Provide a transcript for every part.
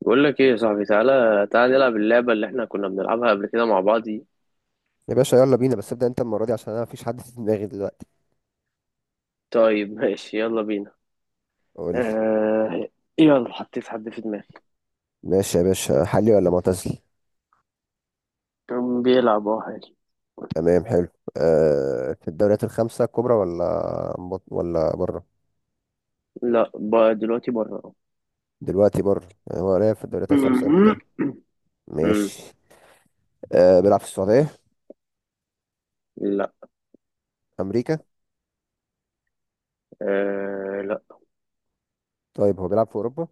بقول لك ايه يا صاحبي، تعالى نلعب اللعبة اللي احنا كنا بنلعبها قبل كده مع بعض دي. يا باشا يلا بينا، بس ابدأ انت المرة دي عشان انا مفيش حد في دماغي دلوقتي. طيب ماشي يلا بينا. قول لي. آه. يلا حطيت حد في دماغي. ماشي يا باشا، حالي ولا معتزل؟ كان بيلعب، اه، حالي. تمام، حلو. أه، في الدوريات الخمسة الكبرى ولا ولا بره؟ لا، بقى دلوقتي بره. دلوقتي بره، يعني هو لعب في الدوريات الخمسة قبل مهم. كده؟ امم ماشي. أه، بيلعب في السعودية؟ لا. أمريكا؟ آه لا. طيب هو بيلعب في أوروبا؟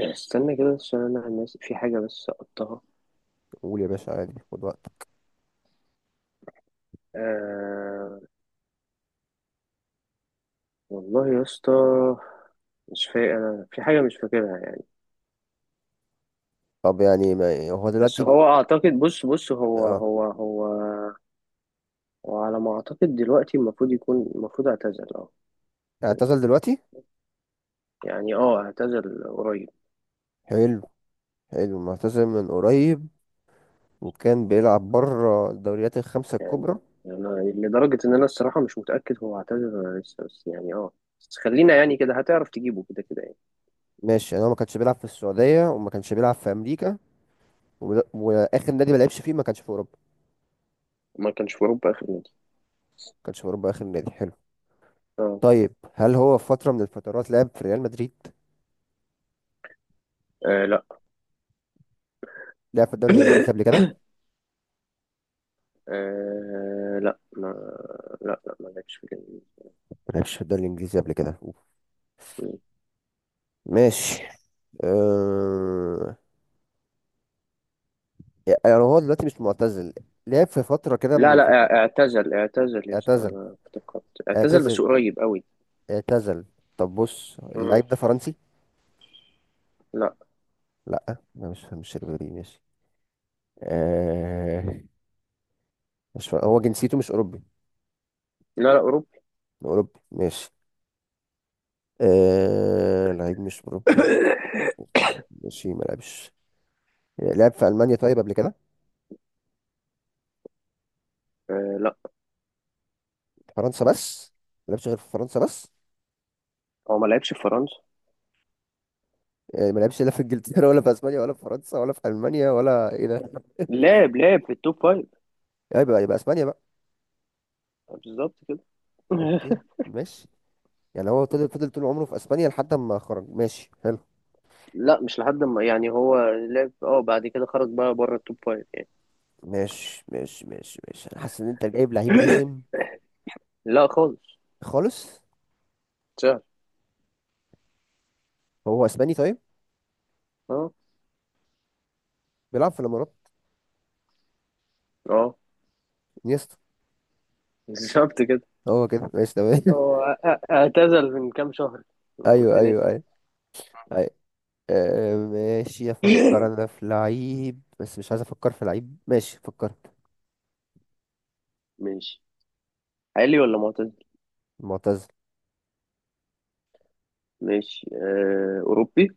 استنى كده عشان انا ناسي في حاجة بس سقطتها. قول يا باشا، عادي خد وقت. آه والله يا اسطى، مش فاكر انا في حاجة مش فاكرها يعني. طب يعني ما هو بس دلوقتي هو اعتقد، بص بص، هو اه، هو هو وعلى ما اعتقد دلوقتي المفروض يكون، المفروض اعتزل اه. اعتزل دلوقتي؟ يعني اه اعتزل قريب. حلو. حلو، معتزل من قريب، وكان بيلعب بره الدوريات الخمسة الكبرى. انا لدرجة ان انا الصراحة مش متأكد هو اعتزل ولا لسه، بس يعني اه، بس خلينا يعني كده هتعرف تجيبه كده كده يعني. ماشي، يعني هو ما كانش بيلعب في السعودية وما كانش بيلعب في أمريكا، وآخر نادي ما لعبش فيه ما كانش في أوروبا؟ ما كانش في اوروبا اخر نادي. ما كانش في أوروبا آخر نادي، حلو. اه. طيب هل هو في فترة من الفترات لعب في ريال مدريد؟ آه، لا. لعب في الدوري الإنجليزي قبل كده؟ آه لا ما لا ما لعبش في ما لعبش في الدوري الإنجليزي قبل كده، الجنوب. ماشي. أه... يعني هو دلوقتي مش معتزل؟ لعب في فترة كده من لا لا، الفترات؟ اعتزل، اعتزل يا اسطى، اعتزل. انا افتكرت. اعتزل اعتزل. بس قريب قوي. اعتزل. طب بص، مم. اللعيب ده فرنسي؟ لا. لا، ما مش شربيني، ماشي. أه... مش فر... هو جنسيته مش أوروبي؟ لا اوروبي. أوروبي، ماشي. آه، لعيب مش مربي، ماشي ما لعبش. لعب في ألمانيا طيب قبل كده؟ آه لا، فرنسا بس؟ ما لعبش غير في فرنسا بس؟ هو ما لعبش في فرنسا. آه، ما لعبش لا في إنجلترا ولا في إسبانيا ولا في فرنسا ولا في ألمانيا ولا إيه ده؟ لعب في التوب فايف. آه، يبقى إسبانيا بقى. بالظبط كده. أوكي، ماشي. يعني هو فضل طول عمره في إسبانيا لحد ما خرج، ماشي حلو. لا مش لحد ما، يعني هو لعب اه بعد كده خرج بقى بره التوب فايف. ماشي ماشي ماشي ماشي، أنا حاسس إن أنت جايب لعيب رخم. لا خالص، خالص. سهل. هو إسباني طيب؟ اه بيلعب في الإمارات؟ اه. انيستا؟ بالظبط كده. هو كده، ماشي تمام. هو اعتزل من كام شهر، انا كنت أيوه أيوه ناسي. أيوه. آه، ماشي، افكر انا في لعيب بس مش عايز افكر في لعيب، ماشي فكرت. ماشي. حالي ولا معتزل. معتزل. ماشي آه، اوروبي.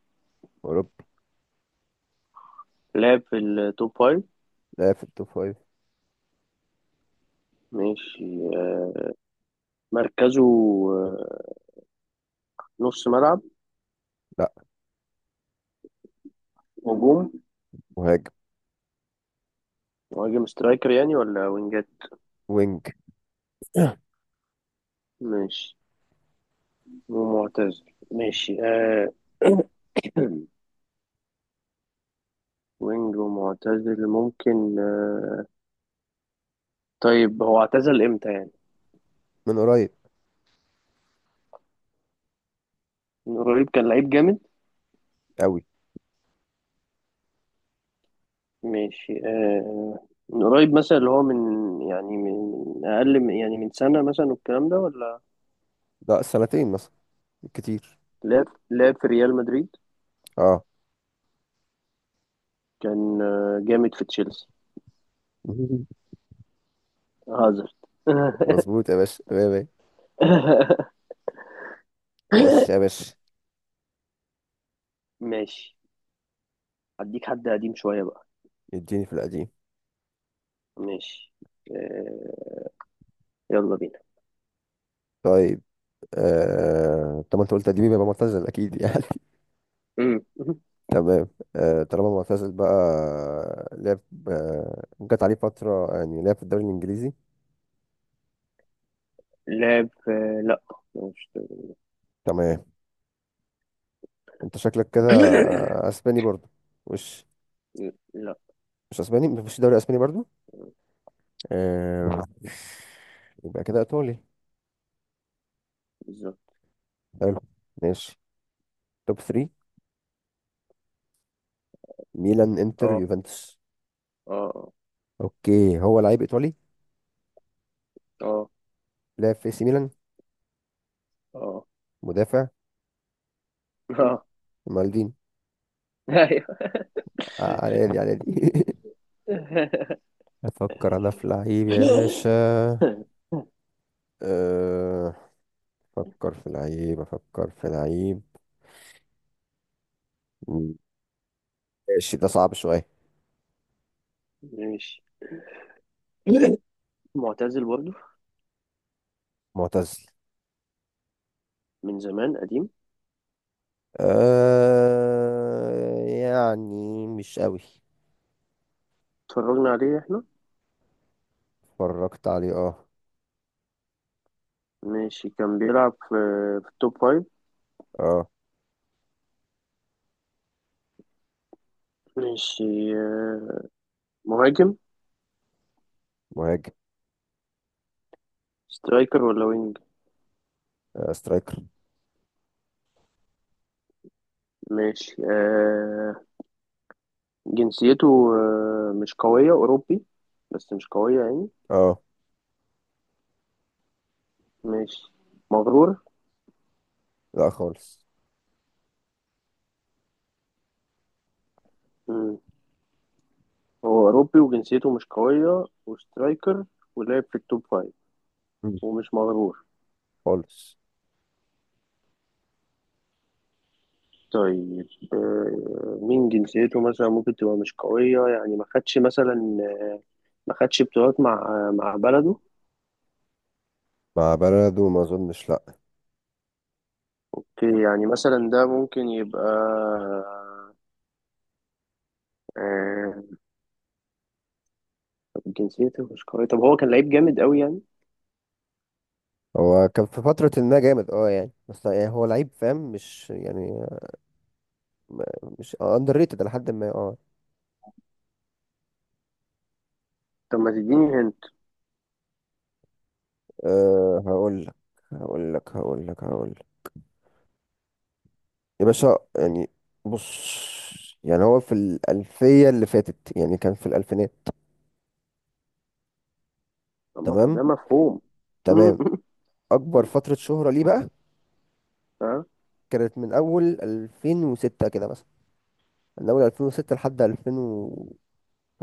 اوروبي. لعب في التوب فايف. لا، في التوب فايف. ماشي آه، مركزه آه، نص ملعب. لا. هجوم. مهاجم. مهاجم سترايكر يعني ولا وينجات. وينج. ماشي. ومعتزل. ماشي آه. وينج ومعتزل ممكن آه. طيب هو اعتزل امتى يعني؟ من قريب. من قريب، كان لعيب جامد. قوي. ماشي آه، آه، من قريب مثلا، اللي هو من، يعني من، من اقل من يعني من سنة مثلا والكلام ده ولا؟ لا، سنتين مثلا، كتير. لعب، لعب في ريال مدريد. اه. كان آه، جامد في تشيلسي. هازارد. مظبوط يا باشا، يا باشا. يا باشا يا باشا. ماشي. هديك حد قديم شوية بقى. اديني في القديم. ماشي آه، يلا بينا. طيب. طب ما انت قلت قديم يبقى معتزل اكيد يعني. مم. تمام. طالما معتزل بقى، لعب. جت عليه فترة يعني لعب في الدوري الانجليزي؟ لا، مش. تمام. انت شكلك كده اسباني برضو. مش لا. مش اسباني، مفيش دوري اسباني برضو. آه... يبقى كده ايطالي. بالظبط. حلو. ماشي. توب 3. ميلان، انتر، اه يوفنتوس؟ اه آه. اوكي، هو لعيب ايطالي. اه لعب في سي ميلان. اه. مدافع. مالدين. اه. على دي افكر انا في لعيب يا ايوه. باشا، آه، افكر في لعيب، افكر في لعيب، ماشي ده صعب شوية. ماشي. معتزل برضه، معتزل. من زمان قديم. أه يعني مش قوي. اتفرجنا عليه احنا. اتفرجت عليه، اه. ماشي، كان بيلعب في، في التوب فايف. اه. ماشي آه، مهاجم. مهاجم. سترايكر ولا وينج. آه، سترايكر. ماشي آه، جنسيته آه، مش قوية، أوروبي بس مش قوية يعني. اه. ماشي. مغرور. لا خالص. مم. هو أوروبي وجنسيته مش قوية وسترايكر ولعب في التوب فايف مم. ومش مغرور. خالص. طيب آه، مين جنسيته مثلا ممكن تبقى مش قوية يعني، ما خدش مثلا آه، ما خدش بطولات مع آه، مع بلده. مع بلده ما اظنش، لا. اوكي، يعني مثلا ده ممكن يبقى آه. طب جنسيته مش قوية، طب هو كان لعيب جامد قوي يعني. هو كان في فترة ما جامد، اه يعني، بس يعني هو لعيب فاهم، مش يعني م- مش اندر ريتد لحد ما اه. طب ما تديني هنت. آه، هقول لك، هقول لك هقول لك هقول لك يا باشا، يعني بص، يعني هو في الألفية اللي فاتت، يعني كان في الألفينات. طب ما هو تمام. ده مفهوم. تمام. أكبر فترة شهرة ليه بقى ها. كانت من أول 2006 كده مثلا، من اول 2006 لحد 2013.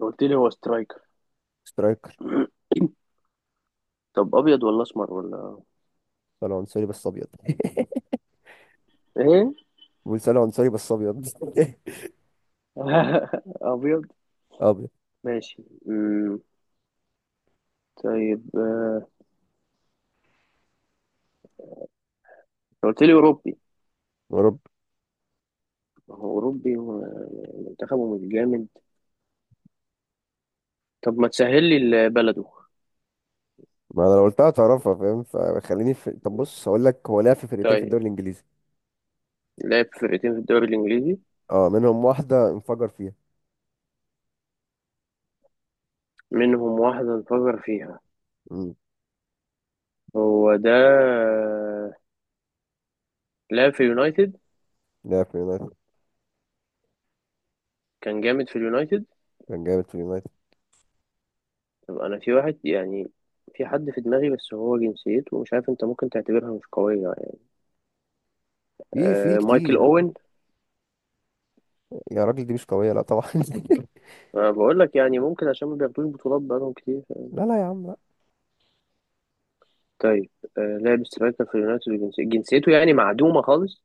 قلت لي هو سترايكر. سترايكر، طب ابيض ولا اسمر ولا؟ صالح عنصري بس ابيض. ايه؟ بقول صالح عنصري بس ابيض. ابيض. ابيض. ماشي أمم. طيب آه، قلت لي اوروبي. يا رب. ما هو أوروبي ومنتخبه مش جامد. طب ما تسهل لي بلده. ما انا لو قلتها تعرفها فاهم، طب بص هقول لك، هو لعب في فرقتين في طيب. الدوري الانجليزي. لعب في فرقتين في الدوري الإنجليزي. اه، منهم واحده انفجر فيها. منهم واحدة انفجر فيها. امم. هو ده. لعب في اليونايتد. لعب في يونايتد. كان جامد في اليونايتد. كان جامد في يونايتد. طب أنا في واحد يعني، في حد في دماغي بس هو جنسيته مش عارف أنت ممكن تعتبرها مش قوية يعني. في آه مايكل كتير. أوين. يا راجل، دي مش قويه، لا طبعا. أنا بقول لك يعني ممكن عشان ما بياخدوش بطولات بقالهم كتير. لا لا يا عم لا. طيب آه، لعب سترايكر في اليونايتد جنسيته يعني معدومة خالص.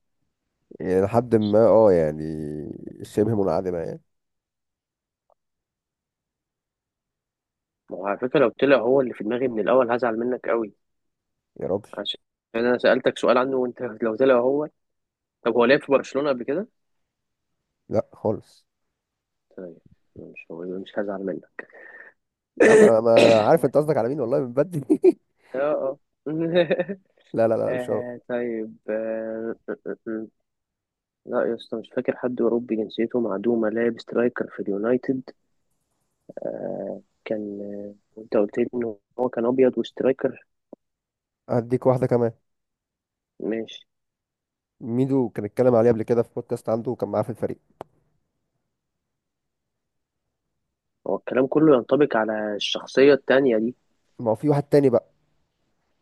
يعني لحد ما اه يعني شبه منعدمه يعني. ما هو على فكرة لو طلع هو اللي في دماغي من الأول هزعل منك قوي. يا راجل، عشان أنا سألتك سؤال عنه وأنت لو طلع هو. طب هو لعب في برشلونة قبل كده؟ لا خالص. طيب. مش هو، مش هزعل منك. يا عم انا، أنا عارف انت قصدك على مين والله، من بدري. اه اه. لا لا لا، مش هو. آه، طيب آه، آه، آه، آه. لا يا اسطى مش فاكر حد أوروبي جنسيته معدومة لعب سترايكر في اليونايتد. آه، كان آه، وأنت قلت لي إن هو كان أبيض وسترايكر. هديك واحدة كمان. ماشي. ميدو كان اتكلم عليه قبل كده في بودكاست عنده، وكان معاه في الفريق. هو الكلام كله ينطبق على الشخصية التانية دي. ما هو في واحد تاني بقى،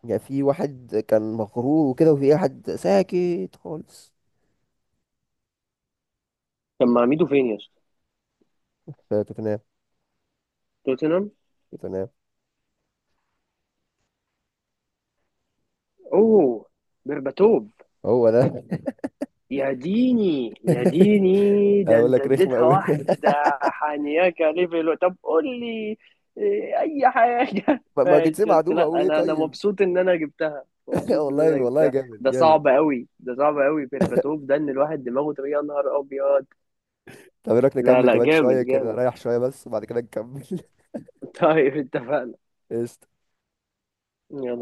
يعني في واحد كان مغرور وكده، وفي واحد ساكت خالص. طب ما عميده فين يا اسطى؟ في توتنهام. توتنهام. توتنهام. اوه. برباتوف. هو ده. يا ديني يا ديني، ده اقول انت لك رخمة اديتها قوي. واحدة. حانياكا ليفل. طب قول لي إيه، اي حاجة. ما جيتش ماشي. بس معدوم، لا، اقول ايه انا طيب. مبسوط ان انا جبتها، مبسوط ان والله انا والله، جبتها. جامد جامد. ده صعب قوي، بيرباتوف ده، ان الواحد دماغه تبقى يا نهار ابيض. طب ايه رايك لا نكمل لا، كمان جامد شوية كده، جامد. رايح شوية بس وبعد كده نكمل. طيب اتفقنا. قشطة. يلا.